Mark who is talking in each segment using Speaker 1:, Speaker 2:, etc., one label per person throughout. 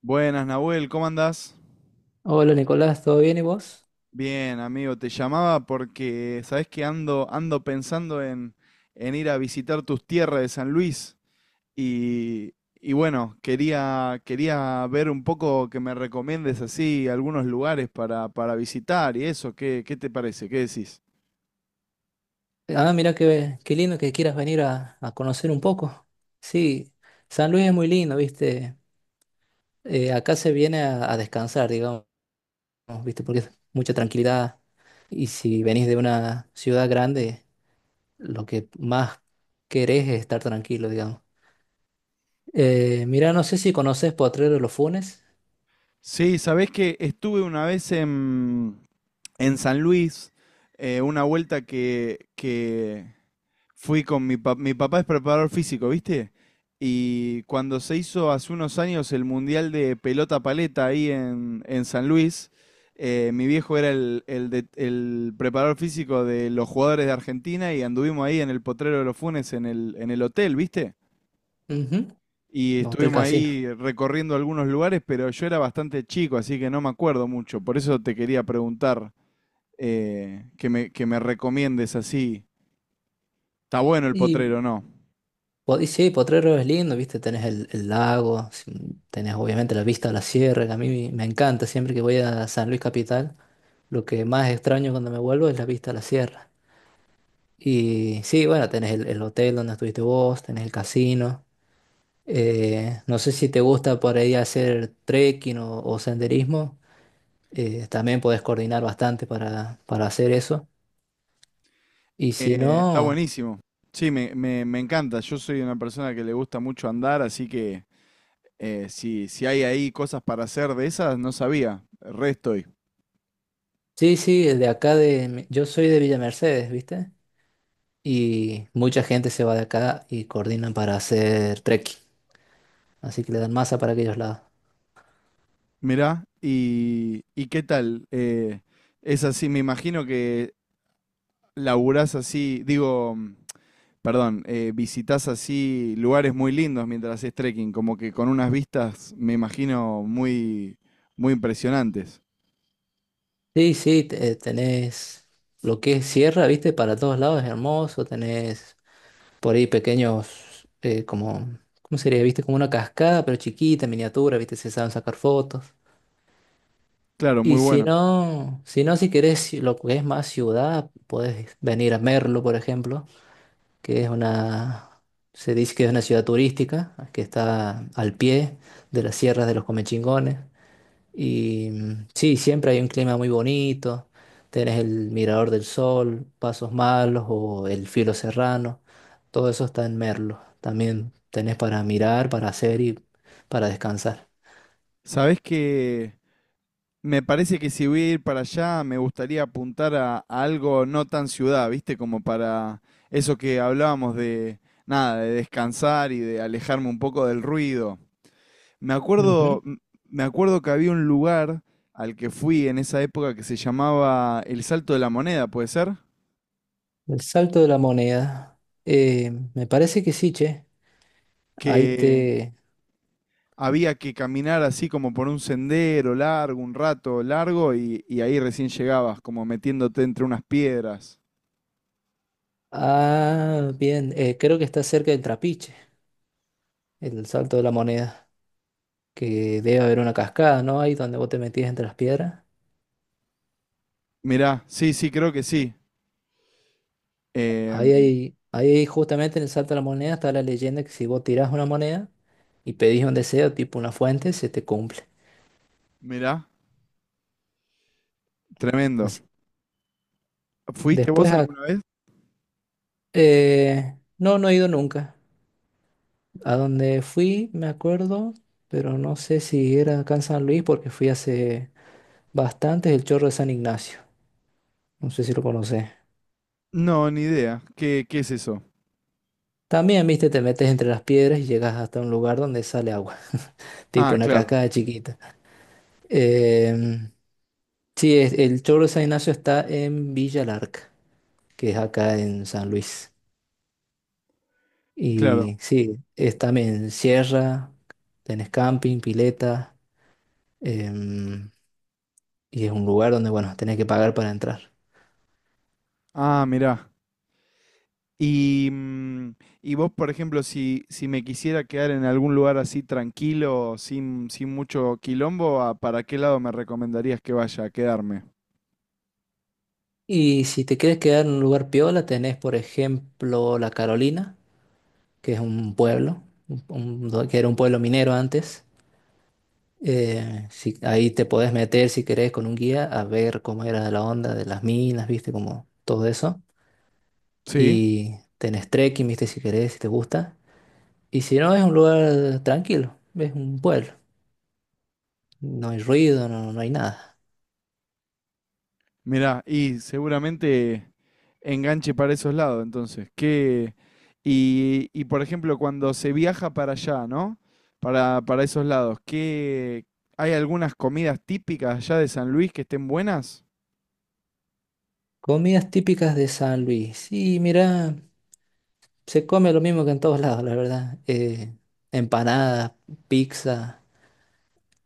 Speaker 1: Buenas, Nahuel, ¿cómo andás?
Speaker 2: Hola Nicolás, ¿todo bien y vos?
Speaker 1: Bien, amigo, te llamaba porque sabés que ando pensando en ir a visitar tus tierras de San Luis y, y bueno, quería ver un poco que me recomiendes así algunos lugares para visitar y eso, ¿ qué te parece? ¿Qué decís?
Speaker 2: Ah, mira qué lindo que quieras venir a conocer un poco. Sí, San Luis es muy lindo, ¿viste? Acá se viene a descansar, digamos, ¿viste? Porque es mucha tranquilidad. Y si venís de una ciudad grande, lo que más querés es estar tranquilo, digamos. Mira, no sé si conoces Potrero de los Funes.
Speaker 1: Sí, sabés que estuve una vez en San Luis, una vuelta fui con mi papá es preparador físico, ¿viste? Y cuando se hizo hace unos años el Mundial de Pelota Paleta ahí en San Luis, mi viejo era el preparador físico de los jugadores de Argentina y anduvimos ahí en el Potrero de los Funes en en el hotel, ¿viste?
Speaker 2: Ujú,
Speaker 1: Y
Speaker 2: no, Hotel
Speaker 1: estuvimos
Speaker 2: Casino.
Speaker 1: ahí recorriendo algunos lugares, pero yo era bastante chico, así que no me acuerdo mucho. Por eso te quería preguntar que me recomiendes así. ¿Está bueno el
Speaker 2: Y
Speaker 1: potrero o no?
Speaker 2: y sí, Potrero es lindo, viste, tenés el lago, tenés obviamente la vista a la sierra, que a mí me encanta, siempre que voy a San Luis Capital, lo que más extraño cuando me vuelvo es la vista a la sierra. Y sí, bueno, tenés el hotel donde estuviste vos, tenés el casino. No sé si te gusta por ahí hacer trekking o senderismo. También podés coordinar bastante para hacer eso. Y si
Speaker 1: Está
Speaker 2: no,
Speaker 1: buenísimo. Sí, me encanta. Yo soy una persona que le gusta mucho andar, así que si hay ahí cosas para hacer de esas, no sabía. Re estoy.
Speaker 2: sí, sí, de acá de, mi- yo soy de Villa Mercedes, viste. Y mucha gente se va de acá y coordinan para hacer trekking. Así que le dan masa para aquellos lados.
Speaker 1: Mirá, y ¿qué tal? Es así, me imagino que laburás así, digo, perdón, visitás así lugares muy lindos mientras haces trekking, como que con unas vistas, me imagino, muy impresionantes.
Speaker 2: Sí, sí, tenés lo que es sierra, viste, para todos lados es hermoso. Tenés por ahí pequeños, como, ¿cómo sería? Viste, como una cascada, pero chiquita, miniatura, viste, se saben sacar fotos.
Speaker 1: Claro, muy
Speaker 2: Y si
Speaker 1: bueno.
Speaker 2: no, si no, si querés lo que es más ciudad, podés venir a Merlo, por ejemplo, que es una, se dice que es una ciudad turística, que está al pie de las sierras de los Comechingones. Sí, siempre hay un clima muy bonito, tenés el Mirador del Sol, Pasos Malos o el Filo Serrano, todo eso está en Merlo. También tenés para mirar, para hacer y para descansar.
Speaker 1: ¿Sabés que me parece que si voy a ir para allá, me gustaría apuntar a algo no tan ciudad, ¿viste? Como para eso que hablábamos de, nada, de descansar y de alejarme un poco del ruido. Me
Speaker 2: Ujú.
Speaker 1: acuerdo, m- Me acuerdo que había un lugar al que fui en esa época que se llamaba El Salto de la Moneda, ¿puede ser?
Speaker 2: El Salto de la Moneda. Me parece que sí, che. Ahí
Speaker 1: Que
Speaker 2: te...
Speaker 1: había que caminar así como por un sendero largo, un rato largo, y ahí recién llegabas, como metiéndote entre unas piedras.
Speaker 2: Ah, bien, creo que está cerca del Trapiche. El salto de la moneda, que debe haber una cascada, ¿no? Ahí donde vos te metías entre las piedras.
Speaker 1: Mirá, sí, sí, creo que sí. Eh,
Speaker 2: Ahí, justamente en el salto de la moneda está la leyenda que si vos tirás una moneda y pedís un deseo, tipo una fuente, se te cumple.
Speaker 1: Mirá, tremendo.
Speaker 2: Así.
Speaker 1: ¿Fuiste
Speaker 2: Después,
Speaker 1: vos alguna vez?
Speaker 2: no, no he ido nunca. A donde fui, me acuerdo, pero no sé si era acá en San Luis porque fui hace bastante, el Chorro de San Ignacio. No sé si lo conocés.
Speaker 1: No, ni idea. ¿Qué, qué es eso?
Speaker 2: También, viste, te metes entre las piedras y llegas hasta un lugar donde sale agua, tipo
Speaker 1: Ah,
Speaker 2: una
Speaker 1: claro,
Speaker 2: cascada chiquita. Em, sí, el Choro San Ignacio está en Villa Larca, que es acá en San Luis.
Speaker 1: claro.
Speaker 2: Y sí, es también sierra, tenés camping, pileta, em, y es un lugar donde, bueno, tenés que pagar para entrar.
Speaker 1: Ah, mirá. Y, y vos, por ejemplo, si me quisiera quedar en algún lugar así tranquilo, sin mucho quilombo, ¿para qué lado me recomendarías que vaya a quedarme?
Speaker 2: Y si te quieres quedar en un lugar piola, tenés, por ejemplo, La Carolina, que es un pueblo, que era un pueblo minero antes. Si, ahí te podés meter si querés con un guía a ver cómo era la onda de las minas, viste, como todo eso.
Speaker 1: Sí,
Speaker 2: Y tenés trekking, viste, si querés, si te gusta. Y si no, es un lugar tranquilo, es un pueblo. No hay ruido, no, no hay nada.
Speaker 1: mirá, y seguramente... Enganche para esos lados, entonces. Qué y, por ejemplo, cuando se viaja para allá, ¿no? Para esos lados, ¿hay algunas comidas típicas allá de San Luis que estén buenas?
Speaker 2: Comidas típicas de San Luis. Y mira, se come lo mismo que en todos lados, la verdad. Empanadas, pizza.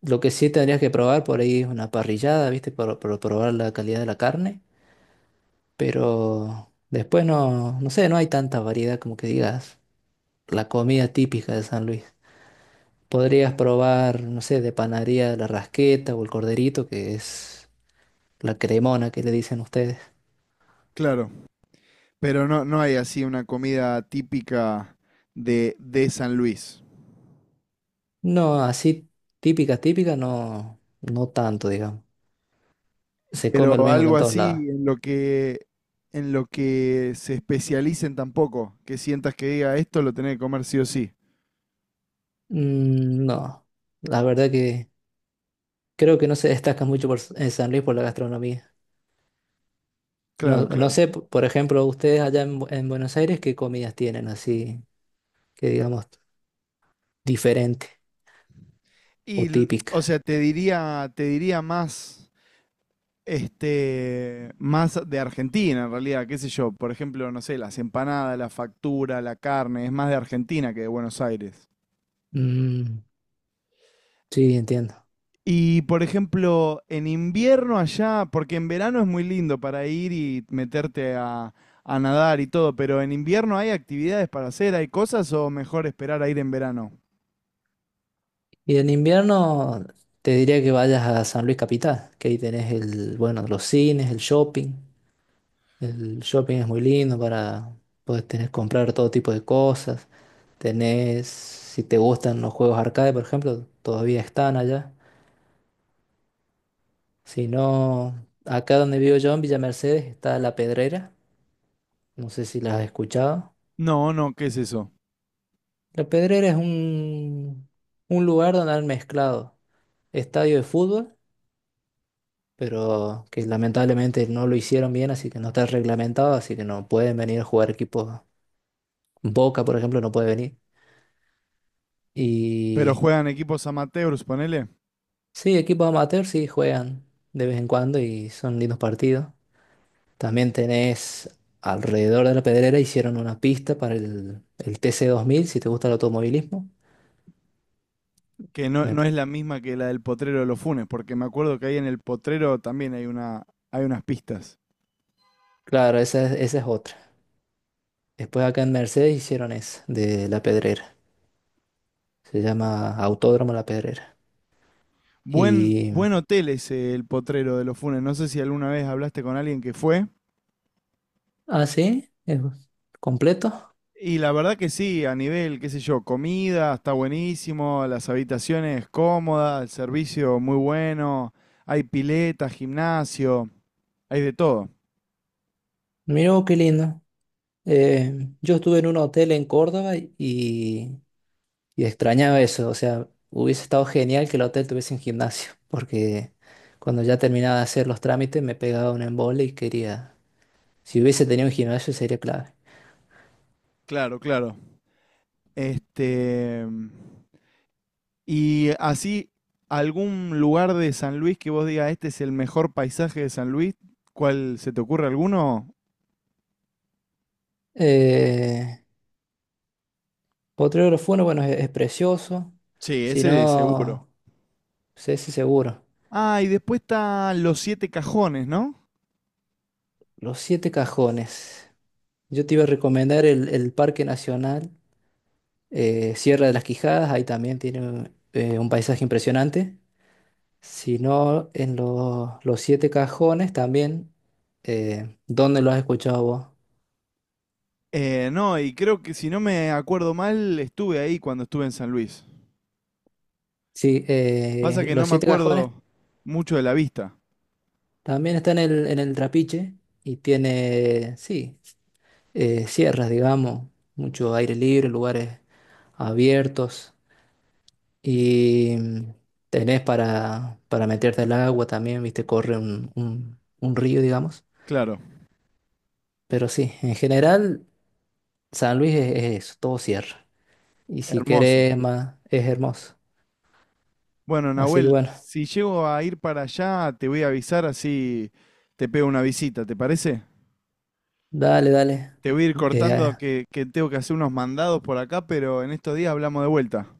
Speaker 2: Lo que sí tendrías que probar por ahí es una parrillada, viste, para probar la calidad de la carne. Pero después no, no sé, no hay tanta variedad como que digas la comida típica de San Luis. Podrías probar, no sé, de panadería la rasqueta o el corderito, que es la cremona que le dicen ustedes.
Speaker 1: Claro, pero no, no hay así una comida típica de San Luis.
Speaker 2: No, así típica, típica, no, no tanto, digamos. Se come lo
Speaker 1: Pero
Speaker 2: mismo que
Speaker 1: algo
Speaker 2: en todos lados.
Speaker 1: así en lo que se especialicen tampoco, que sientas que diga esto lo tenés que comer sí o sí.
Speaker 2: Mm, no, la verdad que creo que no se destaca mucho en San Luis por la gastronomía. No,
Speaker 1: Claro,
Speaker 2: no
Speaker 1: claro.
Speaker 2: sé, por ejemplo, ustedes allá en Buenos Aires, ¿qué comidas tienen así? Que digamos, diferente
Speaker 1: Y,
Speaker 2: o
Speaker 1: l- o
Speaker 2: típica.
Speaker 1: sea, te diría más este, más de Argentina en realidad, qué sé yo, por ejemplo, no sé, las empanadas, la factura, la carne, es más de Argentina que de Buenos Aires.
Speaker 2: Mm, sí, entiendo.
Speaker 1: Y por ejemplo, en invierno allá, porque en verano es muy lindo para ir y meterte a nadar y todo, pero en invierno hay actividades para hacer, hay cosas o mejor esperar a ir en verano.
Speaker 2: Y en invierno te diría que vayas a San Luis Capital, que ahí tenés bueno, los cines, el shopping. El shopping es muy lindo para poder tener, comprar todo tipo de cosas. Tenés, si te gustan los juegos arcade, por ejemplo, todavía están allá. Si no, acá donde vivo yo, en Villa Mercedes, está La Pedrera. No sé si las has escuchado.
Speaker 1: No, no, ¿qué es eso?
Speaker 2: La Pedrera es un lugar donde han mezclado estadio de fútbol, pero que lamentablemente no lo hicieron bien, así que no está reglamentado, así que no pueden venir a jugar equipos. Boca, por ejemplo, no puede venir.
Speaker 1: Pero
Speaker 2: Y
Speaker 1: juegan equipos amateurs, ponele.
Speaker 2: sí, equipos amateur sí juegan de vez en cuando y son lindos partidos. También tenés alrededor de la Pedrera hicieron una pista para el TC 2000, si te gusta el automovilismo.
Speaker 1: Que no,
Speaker 2: Me-
Speaker 1: no es la misma que la del potrero de los Funes, porque me acuerdo que ahí en el potrero también hay una, hay unas pistas.
Speaker 2: claro, esa es otra. Después acá en Mercedes hicieron esa de la Pedrera. Se llama Autódromo La Pedrera.
Speaker 1: Buen,
Speaker 2: Y
Speaker 1: buen hotel es el potrero de los Funes. No sé si alguna vez hablaste con alguien que fue.
Speaker 2: Ah, sí, es completo.
Speaker 1: Y la verdad que sí, a nivel, qué sé yo, comida, está buenísimo, las habitaciones cómodas, el servicio muy bueno, hay pileta, gimnasio, hay de todo.
Speaker 2: Mira, qué lindo. Yo estuve en un hotel en Córdoba y extrañaba eso. O sea, hubiese estado genial que el hotel tuviese un gimnasio, porque cuando ya terminaba de hacer los trámites me pegaba un embole y quería... Si hubiese tenido un gimnasio sería clave.
Speaker 1: Claro, claro. Este, y así, algún lugar de San Luis que vos digas, este es el mejor paisaje de San Luis, ¿cuál se te ocurre alguno?
Speaker 2: Eh, Potrero Funes, bueno, es precioso.
Speaker 1: Sí,
Speaker 2: Si
Speaker 1: ese es seguro.
Speaker 2: no, sé si seguro.
Speaker 1: Ah, y después están los siete cajones, ¿no?
Speaker 2: Los Siete Cajones. Yo te iba a recomendar el Parque Nacional. Sierra de las Quijadas, ahí también tiene un paisaje impresionante. Si no, en los siete cajones también. ¿Dónde lo has escuchado vos?
Speaker 1: No, y creo que si no me acuerdo mal, estuve ahí cuando estuve en San Luis.
Speaker 2: Sí,
Speaker 1: Pasa que no
Speaker 2: los
Speaker 1: me
Speaker 2: siete cajones
Speaker 1: acuerdo mucho de la vista.
Speaker 2: también están en el Trapiche y tiene, sí, sierras, digamos, mucho aire libre, lugares abiertos y tenés para meterte al agua también, viste, corre un río, digamos.
Speaker 1: Claro,
Speaker 2: Pero sí, en general San Luis es eso, todo cierra. Y si
Speaker 1: hermoso.
Speaker 2: querés más, es hermoso.
Speaker 1: Bueno,
Speaker 2: Así que
Speaker 1: Nahuel,
Speaker 2: bueno,
Speaker 1: si llego a ir para allá, te voy a avisar así te pego una visita, ¿te parece?
Speaker 2: dale, dale.
Speaker 1: Te voy a ir cortando
Speaker 2: eh,
Speaker 1: que tengo que hacer unos mandados por acá, pero en estos días hablamos de vuelta.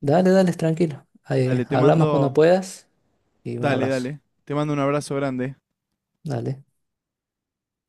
Speaker 2: Dale, dale, tranquilo.
Speaker 1: Dale, te
Speaker 2: Hablamos cuando
Speaker 1: mando,
Speaker 2: puedas y un
Speaker 1: dale,
Speaker 2: abrazo.
Speaker 1: dale. Te mando un abrazo grande.
Speaker 2: Dale.